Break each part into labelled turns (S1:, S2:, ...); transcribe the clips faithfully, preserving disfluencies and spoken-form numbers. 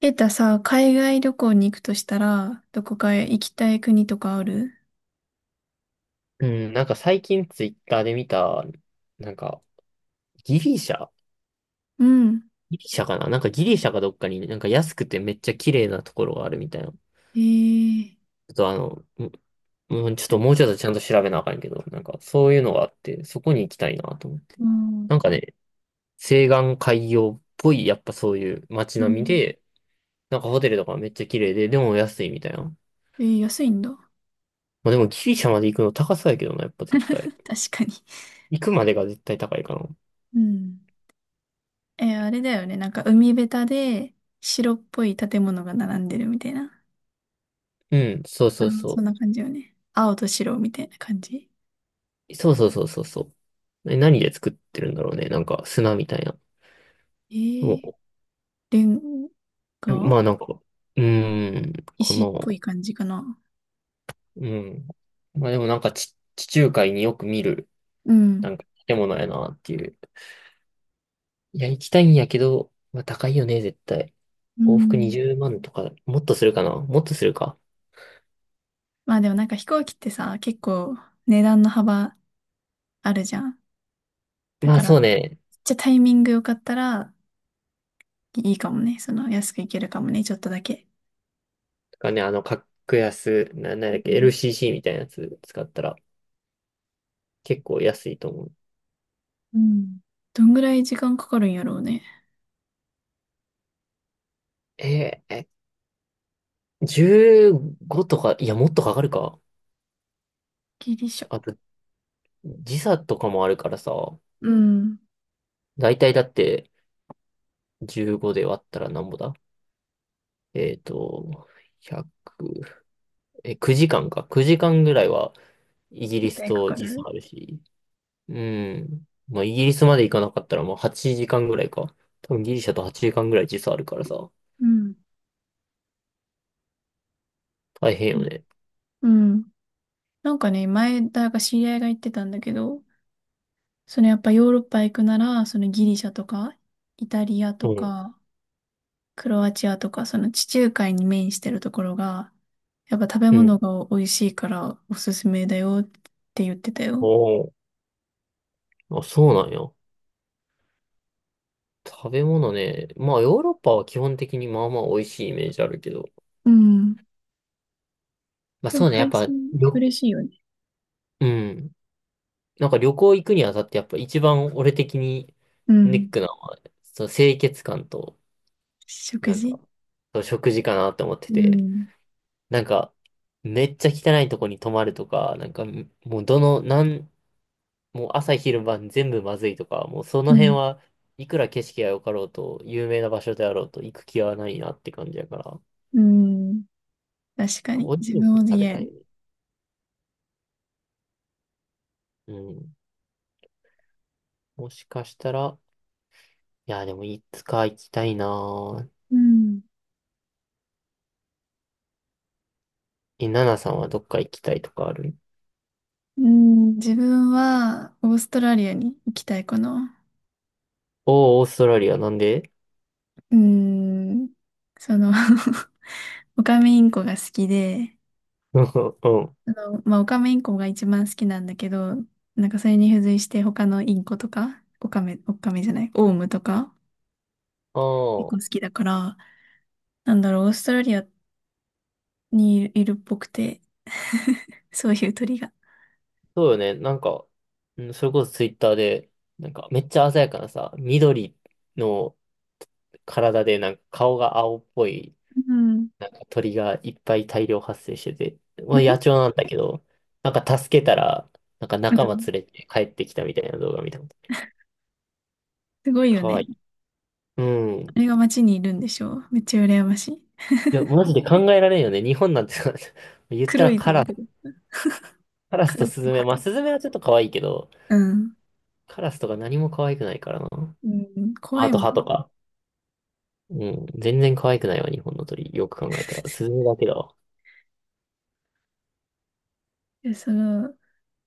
S1: ケータさ、海外旅行に行くとしたら、どこか行きたい国とかある？
S2: うん、なんか最近ツイッターで見た。なんかギリシャ
S1: うん。
S2: ギリシャかななんかギリシャかどっかになんか安くてめっちゃ綺麗なところがあるみたいな。ち
S1: ええ、
S2: ょっとあの、もうんちょっともうちょっとちゃんと調べなあかんけど、なんかそういうのがあって、そこに行きたいなと思って。
S1: うん。
S2: なんかね、西岸海洋っぽい、やっぱそういう街
S1: う
S2: 並み
S1: ん。
S2: で、なんかホテルとかめっちゃ綺麗で、でも安いみたいな。ま
S1: えー、安いんだ。
S2: あでもギリシャまで行くの高そうやけどな、やっぱ 絶
S1: 確
S2: 対。
S1: かに。
S2: 行くまでが絶対高いかな。
S1: うん。えー、あれだよね。なんか海べたで白っぽい建物が並んでるみたいな。
S2: うん、そう
S1: あ
S2: そう
S1: の、
S2: そ
S1: そんな
S2: う。
S1: 感じよね。青と白みたいな感じ。
S2: そうそうそうそうそう。え、何で作ってるんだろうね。なんか砂みたいな。
S1: えー、
S2: も
S1: レン
S2: う、
S1: ガ、
S2: まあなんか、うーん、か
S1: 石
S2: な。
S1: っぽい感じかな。
S2: うん。まあでもなんかち地中海によく見る、
S1: う
S2: な
S1: ん。
S2: んか建物やなっていう。いや、行きたいんやけど、まあ高いよね、絶対。
S1: う
S2: 往復
S1: ん。
S2: にじゅうまんとか、もっとするかなもっとするか。
S1: まあでもなんか飛行機ってさ、結構値段の幅あるじゃん。だ
S2: まあ
S1: から、
S2: そ
S1: め
S2: う
S1: っ
S2: ね。
S1: ちゃタイミングよかったらいいかもね。その安くいけるかもね、ちょっとだけ。
S2: とかね、あの、格安、な、なん
S1: う
S2: だっけ、
S1: ん。
S2: エルシーシー みたいなやつ使ったら結構安いと思う。
S1: うん、どんぐらい時間かかるんやろうね。
S2: えーえ、じゅうごとか、いや、もっとかかるか。
S1: ギリシャ。
S2: あと、時差とかもあるからさ、
S1: うん。
S2: だいたいだってじゅうごで割ったらなんぼだ。えっと、ひゃく、え、くじかんか。くじかんぐらいはイギリ
S1: 絶
S2: ス
S1: 対か
S2: と
S1: か
S2: 時差
S1: る。
S2: あるし、うん。まあ、イギリスまで行かなかったらもうはちじかんぐらいか。多分ギリシャとはちじかんぐらい時差あるからさ、
S1: うん。
S2: 大変
S1: う
S2: よ
S1: ん、
S2: ね。
S1: うん。なんかね、前、だから知り合いが言ってたんだけど、そのやっぱヨーロッパ行くなら、そのギリシャとか、イタリア
S2: う
S1: と
S2: ん。
S1: か、クロアチアとか、その地中海に面してるところが、やっぱ食べ
S2: うん。
S1: 物が美味しいからおすすめだよって言ってた
S2: お
S1: よ。
S2: ー、あ、そうなんや。食べ物ね。まあ、ヨーロッパは基本的にまあまあ美味しいイメージあるけど。
S1: うん。
S2: まあ
S1: でも
S2: そうね、やっ
S1: 海
S2: ぱ、
S1: 鮮
S2: よ、
S1: 嬉しいよね。
S2: うん。なんか旅行行くにあたってやっぱ一番俺的に
S1: う
S2: ネッ
S1: ん。
S2: クなのは、その清潔感と、
S1: 食
S2: なんか、
S1: 事、
S2: その食事かなって思って
S1: う
S2: て、
S1: ん。
S2: なんか、めっちゃ汚いとこに泊まるとか、なんか、もうどの、なん、もう朝昼晩全部まずいとか、もうその
S1: う
S2: 辺
S1: ん。
S2: はいくら景色が良かろうと、有名な場所であろうと行く気はないなって感じやから、
S1: うん。確か
S2: 美
S1: に。
S2: 味し
S1: 自
S2: いも
S1: 分
S2: の
S1: も
S2: 食
S1: 言
S2: べ
S1: え
S2: たい
S1: ん。
S2: ね。うん。もしかしたら、いや、でもいつか行きたいなぁ。
S1: うん。
S2: え、ナナさんはどっか行きたいとかある？
S1: うん。自分は、オーストラリアに行きたいかな。
S2: おー、オーストラリア、なんで？
S1: うん。その オカメインコ が好きで、
S2: うん。
S1: あの、まあ、オカメインコが一番好きなんだけど、なんかそれに付随して他のインコとか、オカメ、オカメじゃない、オウムとか、
S2: ああ、
S1: 結構好
S2: そ
S1: きだから、なんだろう、オーストラリアにいるっぽくて、そういう鳥が。
S2: うよね。なんか、うん、それこそツイッターで、なんかめっちゃ鮮やかなさ、緑の体で、なんか顔が青っぽい、
S1: うん。
S2: なんか鳥がいっぱい大量発生してて、まあ野鳥なんだけど、なんか助けたら、なんか
S1: う
S2: 仲間連
S1: ん。
S2: れて帰ってきたみたいな動画見たこと。
S1: すごいよ
S2: かわい
S1: ね。
S2: い。うん。い
S1: あれが街にいるんでしょう。めっちゃ羨ましい。
S2: や、マジで考えられんよね。日本なんてさ 言った
S1: 黒
S2: ら
S1: い
S2: カ
S1: 鳥
S2: ラ、
S1: とか、
S2: カラ
S1: カ
S2: スと
S1: ラス
S2: ス
S1: と
S2: ズメ。
S1: ハ
S2: まあ、
S1: ト、
S2: スズメはちょっと可愛いけど、
S1: うん。
S2: カラスとか何も可愛くないからな。
S1: うん。怖
S2: あ
S1: い
S2: と
S1: もん。
S2: 歯とか。うん。全然可愛くないわ、日本の鳥。よく考えたら。スズだけだわ。
S1: でその、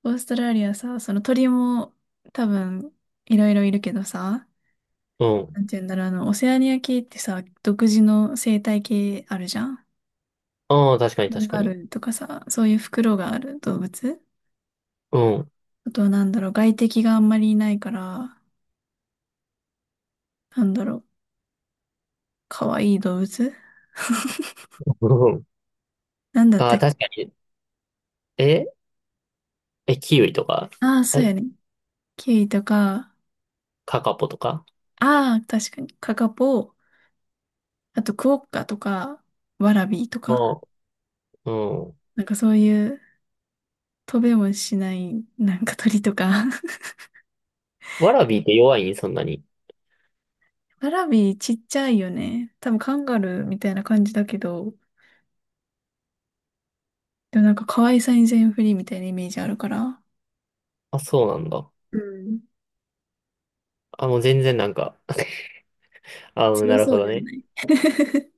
S1: オーストラリアさ、その鳥も多分いろいろいるけどさ、
S2: うん。
S1: なんて言うんだろう、あの、オセアニア系ってさ、独自の生態系あるじゃん。
S2: ああ、確かに
S1: な
S2: 確
S1: んか
S2: か
S1: あ
S2: に。
S1: るとかさ、そういう袋がある動物。
S2: うん。
S1: あとはなんだろう、外敵があんまりいないから、なんだろう、かわいい動物
S2: うん。
S1: なんだっ
S2: あ
S1: た
S2: あ、
S1: っけ？
S2: 確かに。ええ、キウイとか。
S1: ああー、そう
S2: え、
S1: やね。キウイとか、
S2: カカポとか。
S1: ああ、確かに、カカポ、あとクオッカとか、ワラビーと
S2: あ
S1: か、
S2: あ、うん。
S1: なんかそういう飛べもしない、なんか鳥とか。
S2: ワラビーって弱いんそんなに？
S1: ワラビーちっちゃいよね。多分カンガルーみたいな感じだけど、でもなんか可愛さに全振りみたいなイメージあるから、
S2: あ、そうなんだ。
S1: うん。
S2: あ、もう全然なんか あ、な
S1: 強
S2: る
S1: そ
S2: ほ
S1: う
S2: ど
S1: では
S2: ね。
S1: ない。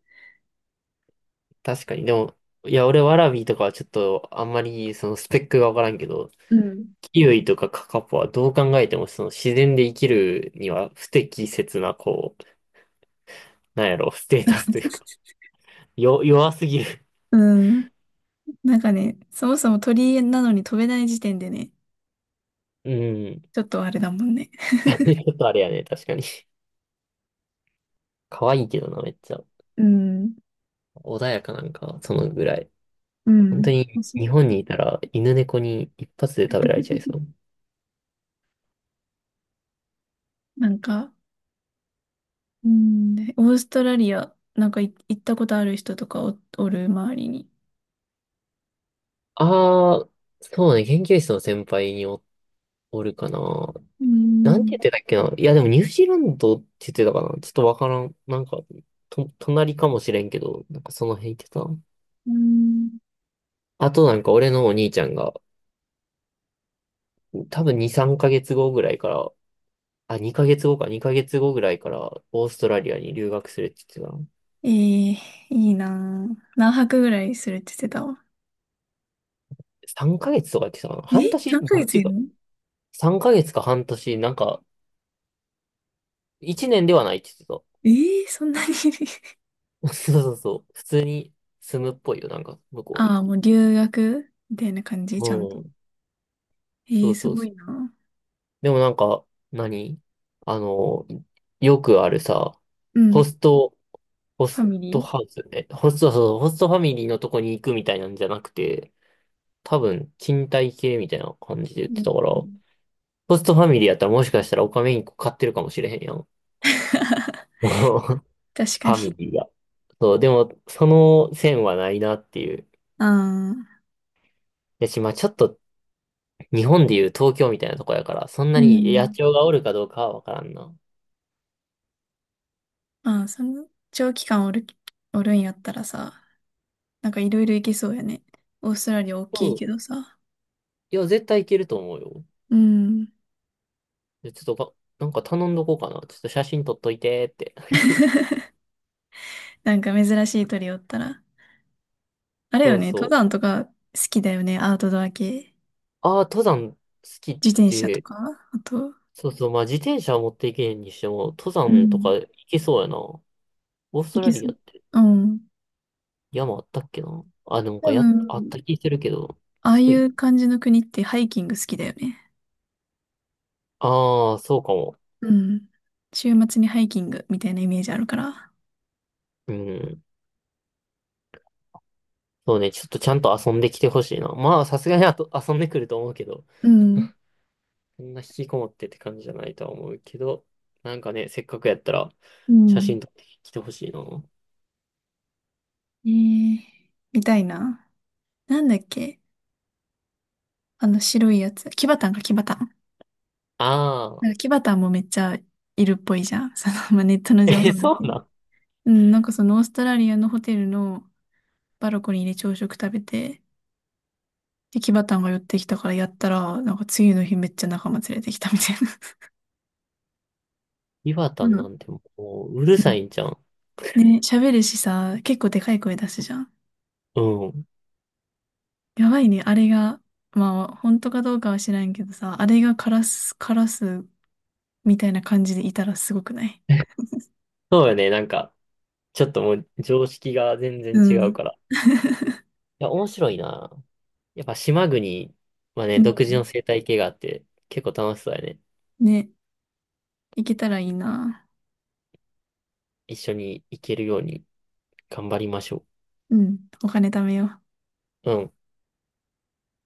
S2: 確かに。でも、いや、俺ワラビーとかはちょっとあんまりそのスペックがわからんけど、
S1: うん。
S2: キウイとかカカポはどう考えてもその自然で生きるには不適切なこう、なんやろ、ステータスというか、よ、弱すぎる。
S1: うん。なんかね、そもそも鳥なのに飛べない時点でね、
S2: うん。
S1: ちょっとあれだもんね。
S2: ちょっとあれやね、確かに。可愛いけどな、めっちゃ。
S1: うん。
S2: 穏やかなんか、そのぐらい。
S1: う
S2: 本当
S1: ん。
S2: に、
S1: そ
S2: 日
S1: う
S2: 本にいたら、犬猫に一発で食べられちゃいそう。
S1: なんか、うん、オーストラリア、なんかい行ったことある人とかお、おる周りに。
S2: ああ、そうね、研究室の先輩にお、おるかな。
S1: う
S2: なんて言
S1: ん。
S2: ってたっけな。いや、でもニュージーランドって言ってたかな。ちょっとわからん。なんか、と、隣かもしれんけど、なんかその辺言ってた。
S1: うん、
S2: あとなんか俺のお兄ちゃんが、多分に、さんかげつごぐらいから、あ、にかげつごか、にかげつごぐらいからオーストラリアに留学するって言ってたな。
S1: えー、いいなぁ。何泊ぐらいするって言ってたわ？
S2: さんかげつとか言ってたかな。
S1: え？
S2: 半年
S1: さん ヶ
S2: どっ
S1: 月
S2: ち
S1: い
S2: か。
S1: るの？
S2: さんかげつか半年、なんか、いちねんではないって言って
S1: えー、そんなに。
S2: た。そうそうそう。普通に住むっぽいよ、なんか、向こう
S1: あ
S2: に。
S1: あ、もう留学みたいな感じ、ちゃんと。
S2: うん。
S1: え
S2: そ
S1: ー、
S2: う
S1: す
S2: そう
S1: ご
S2: そう。
S1: いなぁ。
S2: でもなんか、何あの、よくあるさ、
S1: う
S2: ホ
S1: ん。
S2: スト、ホ
S1: ファ
S2: ス
S1: ミ
S2: ト
S1: リ
S2: ハウスね。ホスト、そう、ホストファミリーのとこに行くみたいなんじゃなくて、多分、賃貸系みたいな感じで言
S1: ー、
S2: っ
S1: う
S2: てたから、
S1: ん。
S2: ホストファミリーやったらもしかしたらオカメインコ飼ってるかもしれへんやん。フ
S1: 確か
S2: ァミ
S1: に。
S2: リーが。そう、でも、その線はないなっていう。
S1: ああ。
S2: やし、まあちょっと日本でいう東京みたいなとこやから、そんな
S1: う
S2: に野
S1: ん、
S2: 鳥がおるかどうかはわからんな。
S1: ああ、その長期間おる、おるんやったらさ、なんかいろいろ行けそうやね。オーストラリア大
S2: う
S1: きい
S2: ん。
S1: けどさ。
S2: いや、絶対いけると思うよ。
S1: うん。
S2: でちょっとか、なんか頼んどこうかな。ちょっと写真撮っといてって。
S1: なんか珍しい鳥おったら。あ れよ
S2: そう
S1: ね、登
S2: そう。
S1: 山とか好きだよね、アウトドア系。
S2: ああ、登山好きっ
S1: 自転車と
S2: て、
S1: か、あと、
S2: そうそう、まあ自転車は持っていけんにしても、登
S1: う
S2: 山とか
S1: ん。
S2: 行けそうやな。オース
S1: 行
S2: トラ
S1: け
S2: リ
S1: そ
S2: ア
S1: う。
S2: って。
S1: うん。
S2: 山あったっけなあ、でもか、
S1: 多
S2: や、あっ
S1: 分、
S2: た気するけど、
S1: ああい
S2: 低い。
S1: う感じの国ってハイキング好きだよね。
S2: ああ、そうかも。
S1: うん。週末にハイキングみたいなイメージあるから。
S2: うん。そうね、ちょっとちゃんと遊んできてほしいな。まあ、さすがにあと遊んでくると思うけど、
S1: うん。
S2: そんな引きこもってって感じじゃないとは思うけど、なんかね、せっかくやったら、
S1: う
S2: 写
S1: ん。
S2: 真撮ってきてほしいな。
S1: ええみたいな。なんだっけ？あの白いやつ。キバタンか、キバタン。
S2: あ
S1: な
S2: あ、
S1: んかキバタンもめっちゃいるっぽいじゃん。その、まあ、ネットの情
S2: え、
S1: 報だ
S2: そ
S1: け
S2: う
S1: ど。
S2: なん。
S1: うん、なんかそのオーストラリアのホテルのバルコニーで朝食食べて、で、キバタンが寄ってきたからやったら、なんか次の日めっちゃ仲間連れてきたみたいな。
S2: 岩
S1: う
S2: 田な
S1: ん。
S2: んてもう、うる
S1: う
S2: さ
S1: ん、
S2: いんじゃん。
S1: ね、喋るしさ、結構でかい声出すじゃん。
S2: うん。
S1: やばいね、あれが。まあ、本当かどうかは知らんけどさ、あれがカラス、カラスみたいな感じでいたらすごくない？
S2: そうよね、なんか、ちょっともう常識が全然
S1: う
S2: 違うか
S1: ん。
S2: ら。いや、面白いな。やっぱ島国は
S1: う
S2: ね、独自
S1: ん、
S2: の生態系があって、結構楽しそうやね。
S1: ね、いけたらいいな。
S2: 一緒に行けるように頑張りましょ
S1: うん、お金貯めよう。
S2: う。うん。